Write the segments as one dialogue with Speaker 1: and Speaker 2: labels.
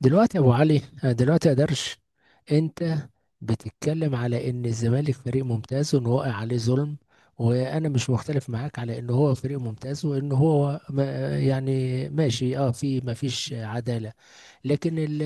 Speaker 1: دلوقتي يا ابو علي، دلوقتي يا درش. انت بتتكلم على ان الزمالك فريق ممتاز وان وقع عليه ظلم، وانا مش مختلف معاك على ان هو فريق ممتاز وان هو ما آه، يعني ماشي، في ما فيش عدالة. لكن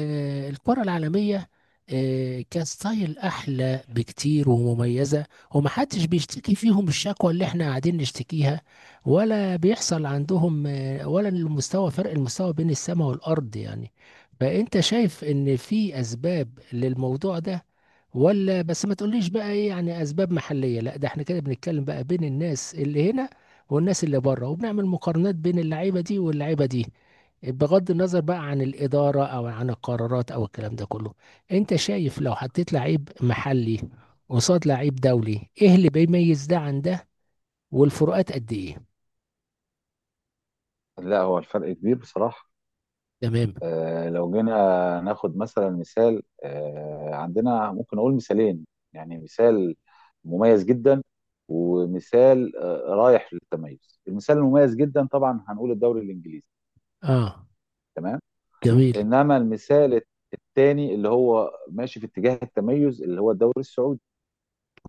Speaker 1: الكرة العالمية كستايل أحلى بكتير ومميزة، ومحدش بيشتكي فيهم الشكوى اللي احنا قاعدين نشتكيها، ولا بيحصل عندهم، ولا فرق المستوى بين السماء والأرض يعني. فأنت شايف إن في أسباب للموضوع ده؟ ولا بس، ما تقوليش بقى ايه يعني اسباب محلية، لا ده احنا كده بنتكلم بقى بين الناس اللي هنا والناس اللي بره، وبنعمل مقارنات بين اللعيبة دي واللعيبة دي، بغض النظر بقى عن الإدارة أو عن القرارات أو الكلام ده كله. أنت شايف لو حطيت لعيب محلي قصاد لعيب دولي، إيه اللي بيميز ده عن ده؟ والفروقات قد إيه؟
Speaker 2: لا، هو الفرق كبير بصراحة.
Speaker 1: تمام.
Speaker 2: لو جينا ناخد مثلا مثال، عندنا ممكن نقول مثالين. يعني مثال مميز جدا ومثال رايح للتميز. المثال المميز جدا طبعا هنقول الدوري الإنجليزي.
Speaker 1: آه.
Speaker 2: تمام.
Speaker 1: جميل.
Speaker 2: إنما المثال الثاني اللي هو ماشي في اتجاه التميز اللي هو الدوري السعودي،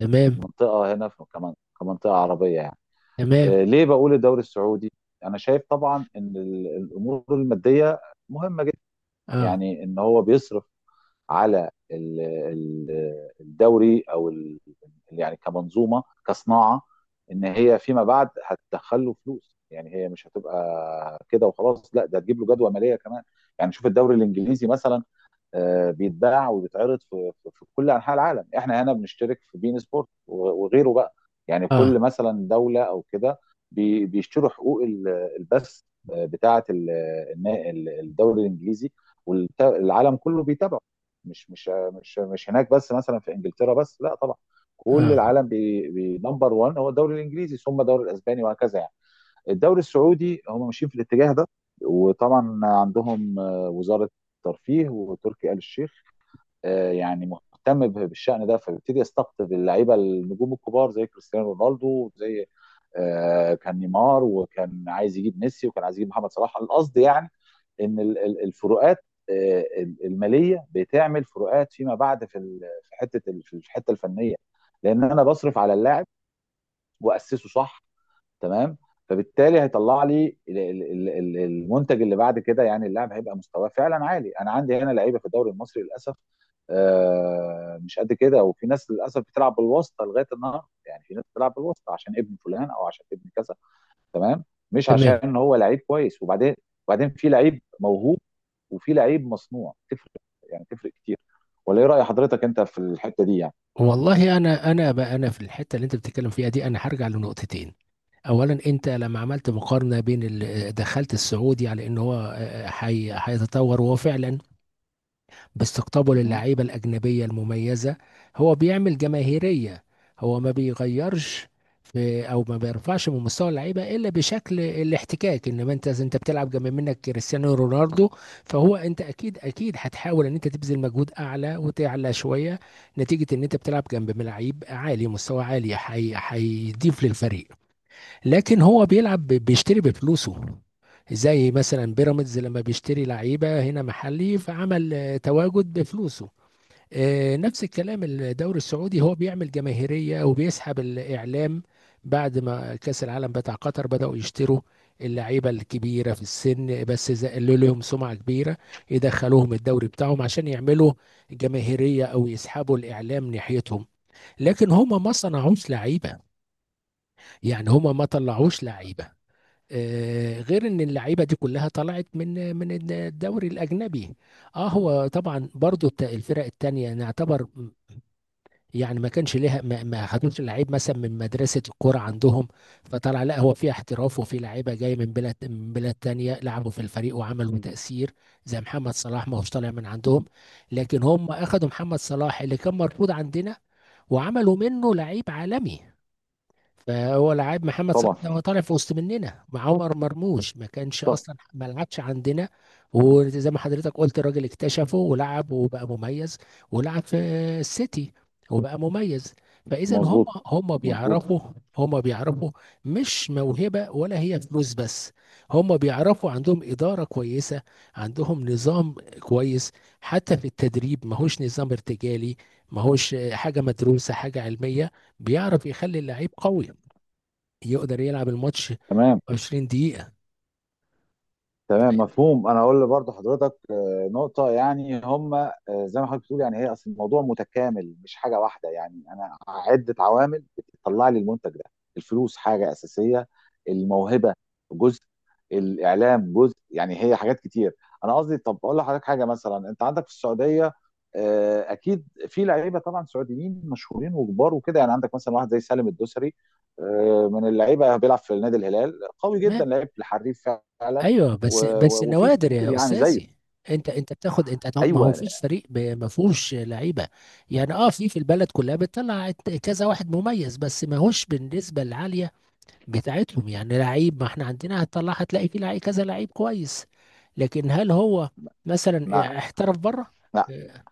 Speaker 1: تمام.
Speaker 2: منطقة هنا في كمان، كمنطقة عربية يعني.
Speaker 1: تمام.
Speaker 2: ليه بقول الدوري السعودي؟ أنا شايف طبعا إن الأمور المادية مهمة.
Speaker 1: آه.
Speaker 2: يعني ان هو بيصرف على الدوري يعني كمنظومه كصناعه، ان هي فيما بعد هتدخل له فلوس. يعني هي مش هتبقى كده وخلاص، لا ده هتجيب له جدوى ماليه كمان. يعني شوف الدوري الانجليزي مثلا، بيتباع وبيتعرض في كل انحاء العالم. احنا هنا بنشترك في بين سبورت وغيره بقى. يعني
Speaker 1: آه.
Speaker 2: كل مثلا دوله او كده بيشتروا حقوق البث، بتاعه الدوري الانجليزي، والعالم كله بيتابعه. مش مش مش هناك بس مثلا في انجلترا بس، لا طبعا، كل
Speaker 1: آه.
Speaker 2: العالم. بنمبر 1 هو الدوري الانجليزي، ثم الدوري الاسباني، وهكذا يعني. الدوري السعودي هم ماشيين في الاتجاه ده. وطبعا عندهم وزاره الترفيه وتركي آل الشيخ، يعني مهتم بالشأن ده، فبيبتدي يستقطب اللعيبه النجوم الكبار زي كريستيانو رونالدو، زي كان نيمار، وكان عايز يجيب ميسي، وكان عايز يجيب محمد صلاح. القصد يعني ان الفروقات آه، الماليه بتعمل فروقات فيما بعد في في الحته الفنيه، لان انا بصرف على اللاعب واسسه صح. تمام. فبالتالي هيطلع لي المنتج اللي بعد كده. يعني اللاعب هيبقى مستواه فعلا عالي. انا عندي هنا لعيبه في الدوري المصري للاسف مش قد كده. وفي ناس للاسف بتلعب بالواسطه لغايه النهارده. يعني في ناس بتلعب بالواسطه عشان ابن فلان او عشان ابن كذا، تمام، مش
Speaker 1: تمام.
Speaker 2: عشان هو لعيب كويس. وبعدين في لعيب موهوب وفي لعيب مصنوع، تفرق يعني تفرق كتير. ولا ايه راي حضرتك انت في الحته دي يعني؟
Speaker 1: والله أنا بقى، أنا في الحتة اللي أنت بتتكلم فيها دي أنا هرجع لنقطتين. اولا انت لما عملت مقارنه بين دخلت السعودي على ان هو، هيتطور، وهو فعلا باستقطابه
Speaker 2: مهم.
Speaker 1: للعيبة الأجنبية المميزة هو بيعمل جماهيرية. هو ما بيغيرش في أو ما بيرفعش من مستوى اللعيبة إلا بشكل الاحتكاك، إنما أنت بتلعب جنب منك كريستيانو رونالدو، فهو أنت أكيد أكيد هتحاول إن أنت تبذل مجهود أعلى وتعلى شوية نتيجة إن أنت بتلعب جنب لعيب عالي، مستوى عالي هيضيف للفريق. لكن هو بيلعب بيشتري بفلوسه. زي مثلا بيراميدز لما بيشتري لعيبه هنا محلي، فعمل تواجد بفلوسه. نفس الكلام الدوري السعودي هو بيعمل جماهيريه وبيسحب الاعلام. بعد ما كاس العالم بتاع قطر بداوا يشتروا اللعيبه الكبيره في السن، بس زقلوا لهم سمعه كبيره يدخلوهم الدوري بتاعهم عشان يعملوا جماهيريه او يسحبوا الاعلام ناحيتهم. لكن هما ما صنعوش لعيبه، يعني هما ما طلعوش لعيبه غير ان اللعيبه دي كلها طلعت من الدوري الاجنبي. اه هو طبعا برضو الفرق التانية نعتبر يعني ما كانش ليها ما خدوش لعيب مثلا من مدرسه الكوره عندهم، فطلع لا هو في احتراف وفي لعيبه جاي من بلاد، من بلاد تانية لعبوا في الفريق وعملوا تاثير. زي محمد صلاح ما هوش طالع من عندهم، لكن هم اخذوا محمد صلاح اللي كان مرفوض عندنا وعملوا منه لعيب عالمي. فهو لعيب محمد صلاح
Speaker 2: طبعا.
Speaker 1: ده هو طالع في وسط مننا. مع عمر مرموش ما كانش
Speaker 2: طب.
Speaker 1: اصلا، ما لعبش عندنا. وزي ما حضرتك قلت، الراجل اكتشفه ولعب وبقى مميز، ولعب في السيتي وبقى مميز. فاذا هم
Speaker 2: مظبوط،
Speaker 1: هم
Speaker 2: مظبوط.
Speaker 1: بيعرفوا، هم بيعرفوا مش موهبه ولا هي فلوس بس. هم بيعرفوا، عندهم اداره كويسه، عندهم نظام كويس، حتى في التدريب ماهوش نظام ارتجالي، ماهوش حاجه، مدروسه، حاجه علميه. بيعرف يخلي اللعيب قوي يقدر يلعب الماتش
Speaker 2: تمام.
Speaker 1: 20 دقيقة.
Speaker 2: تمام، مفهوم. انا اقول برضه حضرتك نقطه، يعني هم، زي ما حضرتك بتقول، يعني هي اصل الموضوع متكامل، مش حاجه واحده. يعني انا عده عوامل بتطلع لي المنتج ده. الفلوس حاجه اساسيه، الموهبه جزء، الاعلام جزء. يعني هي حاجات كتير. انا قصدي طب اقول لحضرتك حاجه. مثلا انت عندك في السعوديه، اكيد في لعيبه طبعا سعوديين مشهورين وكبار وكده. يعني عندك مثلا واحد زي سالم الدوسري، من اللعيبه، بيلعب في نادي الهلال، قوي جدا،
Speaker 1: تمام.
Speaker 2: لعيب الحريف فعلا.
Speaker 1: ايوه بس
Speaker 2: وفي
Speaker 1: نوادر
Speaker 2: كتير
Speaker 1: يا
Speaker 2: يعني
Speaker 1: استاذي.
Speaker 2: زيه.
Speaker 1: انت بتاخد، ما هو
Speaker 2: ايوه.
Speaker 1: فيش فريق ما فيهوش لعيبه، يعني في البلد كلها بتطلع كذا واحد مميز، بس ما هوش بالنسبه العاليه بتاعتهم. يعني لعيب، ما احنا عندنا هتطلع، هتلاقي في لعيب كذا لعيب كويس، لكن هل هو
Speaker 2: مع
Speaker 1: مثلا احترف بره؟
Speaker 2: مع
Speaker 1: آه.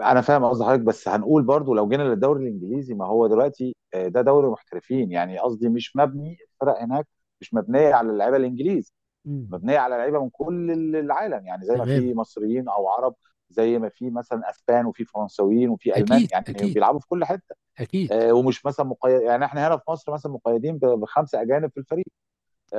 Speaker 2: انا فاهم قصد حضرتك، بس هنقول برضو لو جينا للدوري الانجليزي. ما هو دلوقتي ده دوري محترفين، يعني قصدي مش مبني الفرق هناك، مش مبنيه على اللعيبه الانجليز،
Speaker 1: مم.
Speaker 2: مبنيه على لعيبه من كل العالم. يعني زي ما
Speaker 1: تمام.
Speaker 2: في مصريين او عرب، زي ما في مثلا اسبان وفي فرنساويين وفي المان،
Speaker 1: اكيد
Speaker 2: يعني
Speaker 1: اكيد.
Speaker 2: بيلعبوا في كل حته.
Speaker 1: اكيد.
Speaker 2: ومش مثلا مقيد، يعني احنا هنا في مصر مثلا مقيدين بخمسه اجانب في الفريق.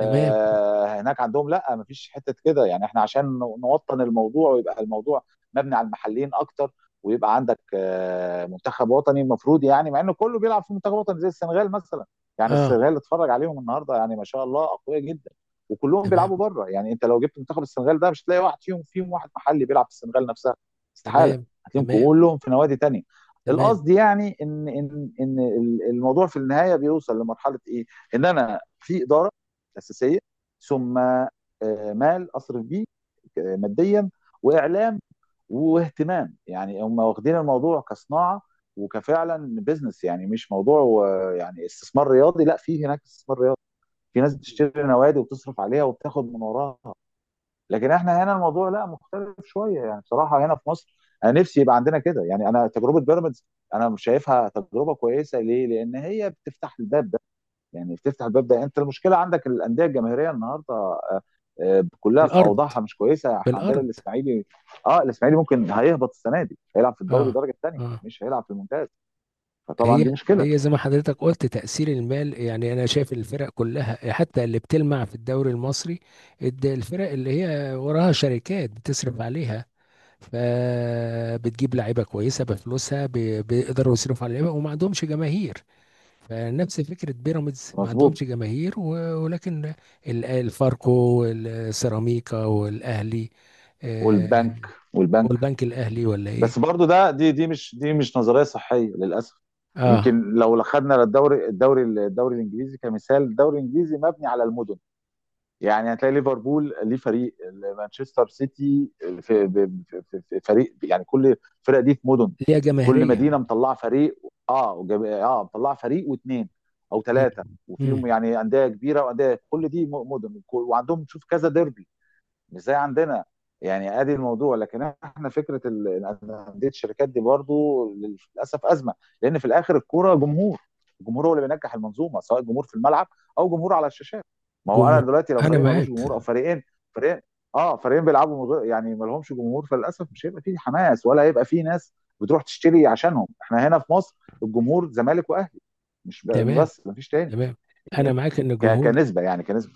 Speaker 1: تمام.
Speaker 2: هناك عندهم لا، مفيش حته كده. يعني احنا عشان نوطن الموضوع ويبقى الموضوع مبني على المحليين اكتر، ويبقى عندك منتخب وطني المفروض. يعني مع انه كله بيلعب في منتخب وطني زي السنغال مثلا. يعني
Speaker 1: اه.
Speaker 2: السنغال اتفرج عليهم النهارده، يعني ما شاء الله، اقوياء جدا، وكلهم
Speaker 1: تمام.
Speaker 2: بيلعبوا بره. يعني انت لو جبت منتخب السنغال ده مش هتلاقي واحد فيهم، فيهم واحد محلي بيلعب في السنغال نفسها، استحاله.
Speaker 1: تمام.
Speaker 2: هتلاقيهم
Speaker 1: تمام.
Speaker 2: كلهم في نوادي تانية.
Speaker 1: تمام.
Speaker 2: القصد يعني ان ان ان الموضوع في النهايه بيوصل لمرحله ايه؟ ان انا في اداره اساسيه، ثم مال اصرف بيه ماديا، واعلام، واهتمام. يعني هم واخدين الموضوع كصناعه وكفعلا بزنس، يعني مش موضوع، يعني استثمار رياضي. لا، في هناك استثمار رياضي، في ناس بتشتري نوادي وبتصرف عليها وبتاخد من وراها. لكن احنا هنا الموضوع لا، مختلف شويه، يعني بصراحه هنا في مصر انا نفسي يبقى عندنا كده. يعني انا تجربه بيراميدز انا مش شايفها تجربه كويسه. ليه؟ لان هي بتفتح الباب. يعني تفتح الباب ده، انت المشكله عندك الانديه الجماهيريه النهارده، كلها في
Speaker 1: بالأرض،
Speaker 2: اوضاعها مش كويسه. احنا عندنا
Speaker 1: بالأرض.
Speaker 2: الاسماعيلي، اه الاسماعيلي ممكن هيهبط السنه دي، هيلعب في
Speaker 1: اه.
Speaker 2: الدوري درجه ثانيه،
Speaker 1: اه.
Speaker 2: مش هيلعب في الممتاز. فطبعا
Speaker 1: هي
Speaker 2: دي مشكله.
Speaker 1: هي زي ما حضرتك قلت، تأثير المال. يعني أنا شايف الفرق كلها حتى اللي بتلمع في الدوري المصري، الفرق اللي هي وراها شركات بتصرف عليها، فبتجيب لعيبة كويسة بفلوسها، بيقدروا يصرفوا على اللعيبة وما عندهمش جماهير. فنفس فكرة بيراميدز ما عندهمش
Speaker 2: مظبوط.
Speaker 1: جماهير، ولكن الفاركو والسيراميكا والأهلي، آه،
Speaker 2: والبنك والبنك.
Speaker 1: والبنك الاهلي، ولا ايه.
Speaker 2: بس برضو ده دي دي مش دي مش نظريه صحيه للاسف. يمكن
Speaker 1: اه.
Speaker 2: لو خدنا الدوري الانجليزي كمثال، الدوري الانجليزي مبني على المدن. يعني هتلاقي ليفربول ليه فريق، مانشستر سيتي في, ب- في فريق. يعني كل الفرق دي في مدن،
Speaker 1: ليها
Speaker 2: كل
Speaker 1: جماهيريه.
Speaker 2: مدينه مطلعه فريق. مطلعه فريق واثنين او
Speaker 1: امم.
Speaker 2: ثلاثه،
Speaker 1: امم.
Speaker 2: وفيهم يعني انديه كبيره وانديه. كل دي مدن، وعندهم تشوف كذا ديربي، مش زي عندنا. يعني ادي الموضوع. لكن احنا فكره ان انديه الشركات دي برضو للاسف ازمه. لان في الاخر الكوره جمهور، الجمهور هو اللي بينجح المنظومه، سواء جمهور في الملعب او جمهور على الشاشات. ما هو انا
Speaker 1: جمهور.
Speaker 2: دلوقتي لو
Speaker 1: انا
Speaker 2: فريق ملوش
Speaker 1: معاك.
Speaker 2: جمهور او فريقين اه فريقين بيلعبوا من غير- يعني ما لهمش جمهور، فللاسف مش هيبقى فيه حماس ولا هيبقى فيه ناس بتروح تشتري عشانهم. احنا هنا في مصر الجمهور زمالك واهلي مش ب-
Speaker 1: تمام.
Speaker 2: بس، ما فيش تاني.
Speaker 1: تمام. انا معاك ان الجمهور،
Speaker 2: كنسبه يعني كنسبه.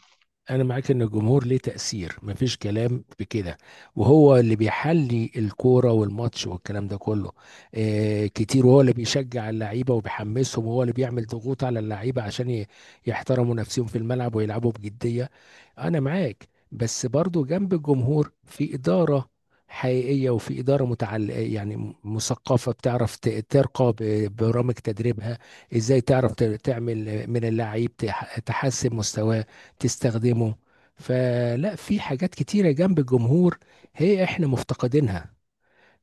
Speaker 1: انا معاك ان الجمهور ليه تأثير مفيش كلام في كده، وهو اللي بيحلي الكورة والماتش والكلام ده كله كتير، وهو اللي بيشجع اللعيبة وبيحمسهم، وهو اللي بيعمل ضغوط على اللعيبة عشان يحترموا نفسهم في الملعب ويلعبوا بجدية. انا معاك، بس برضو جنب الجمهور في إدارة حقيقية، وفي إدارة متعل، يعني مثقفة بتعرف ترقى برامج تدريبها، ازاي تعرف تعمل من اللعيب تحسن مستواه، تستخدمه. فلا، في حاجات كتيرة جنب الجمهور هي احنا مفتقدينها.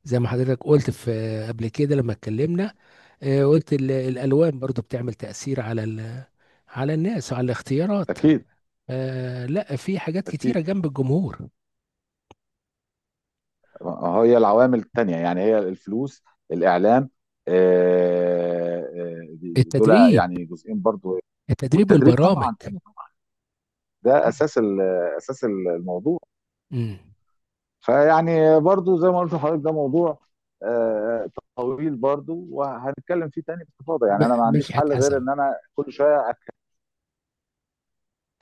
Speaker 1: زي ما حضرتك قلت في، قبل كده لما اتكلمنا، قلت الالوان برضو بتعمل تأثير على على الناس وعلى الاختيارات.
Speaker 2: اكيد،
Speaker 1: لا، في حاجات
Speaker 2: اكيد.
Speaker 1: كتيرة جنب الجمهور،
Speaker 2: هي العوامل التانية يعني هي الفلوس، الإعلام، آه، آه، دول
Speaker 1: التدريب
Speaker 2: يعني جزئين برضو.
Speaker 1: التدريب
Speaker 2: والتدريب
Speaker 1: والبرامج.
Speaker 2: طبعا، أيوة طبعاً. ده أساس أساس الموضوع.
Speaker 1: امم.
Speaker 2: فيعني برضو زي ما قلت لحضرتك، ده موضوع آه، طويل برضو، وهنتكلم فيه تاني باستفاضة. يعني أنا ما عنديش
Speaker 1: مدحت
Speaker 2: حل غير
Speaker 1: حسن.
Speaker 2: إن أنا كل شوية.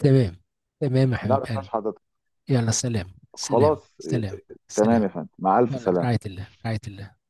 Speaker 1: تمام. تمام يا
Speaker 2: لا
Speaker 1: حبيب
Speaker 2: بس مش
Speaker 1: قلبي.
Speaker 2: حضرتك.
Speaker 1: يلا، سلام سلام
Speaker 2: خلاص.
Speaker 1: سلام.
Speaker 2: تمام
Speaker 1: سلام.
Speaker 2: يا فندم، مع ألف
Speaker 1: يلا، في رعاية
Speaker 2: سلامة.
Speaker 1: الله، في رعاية الله.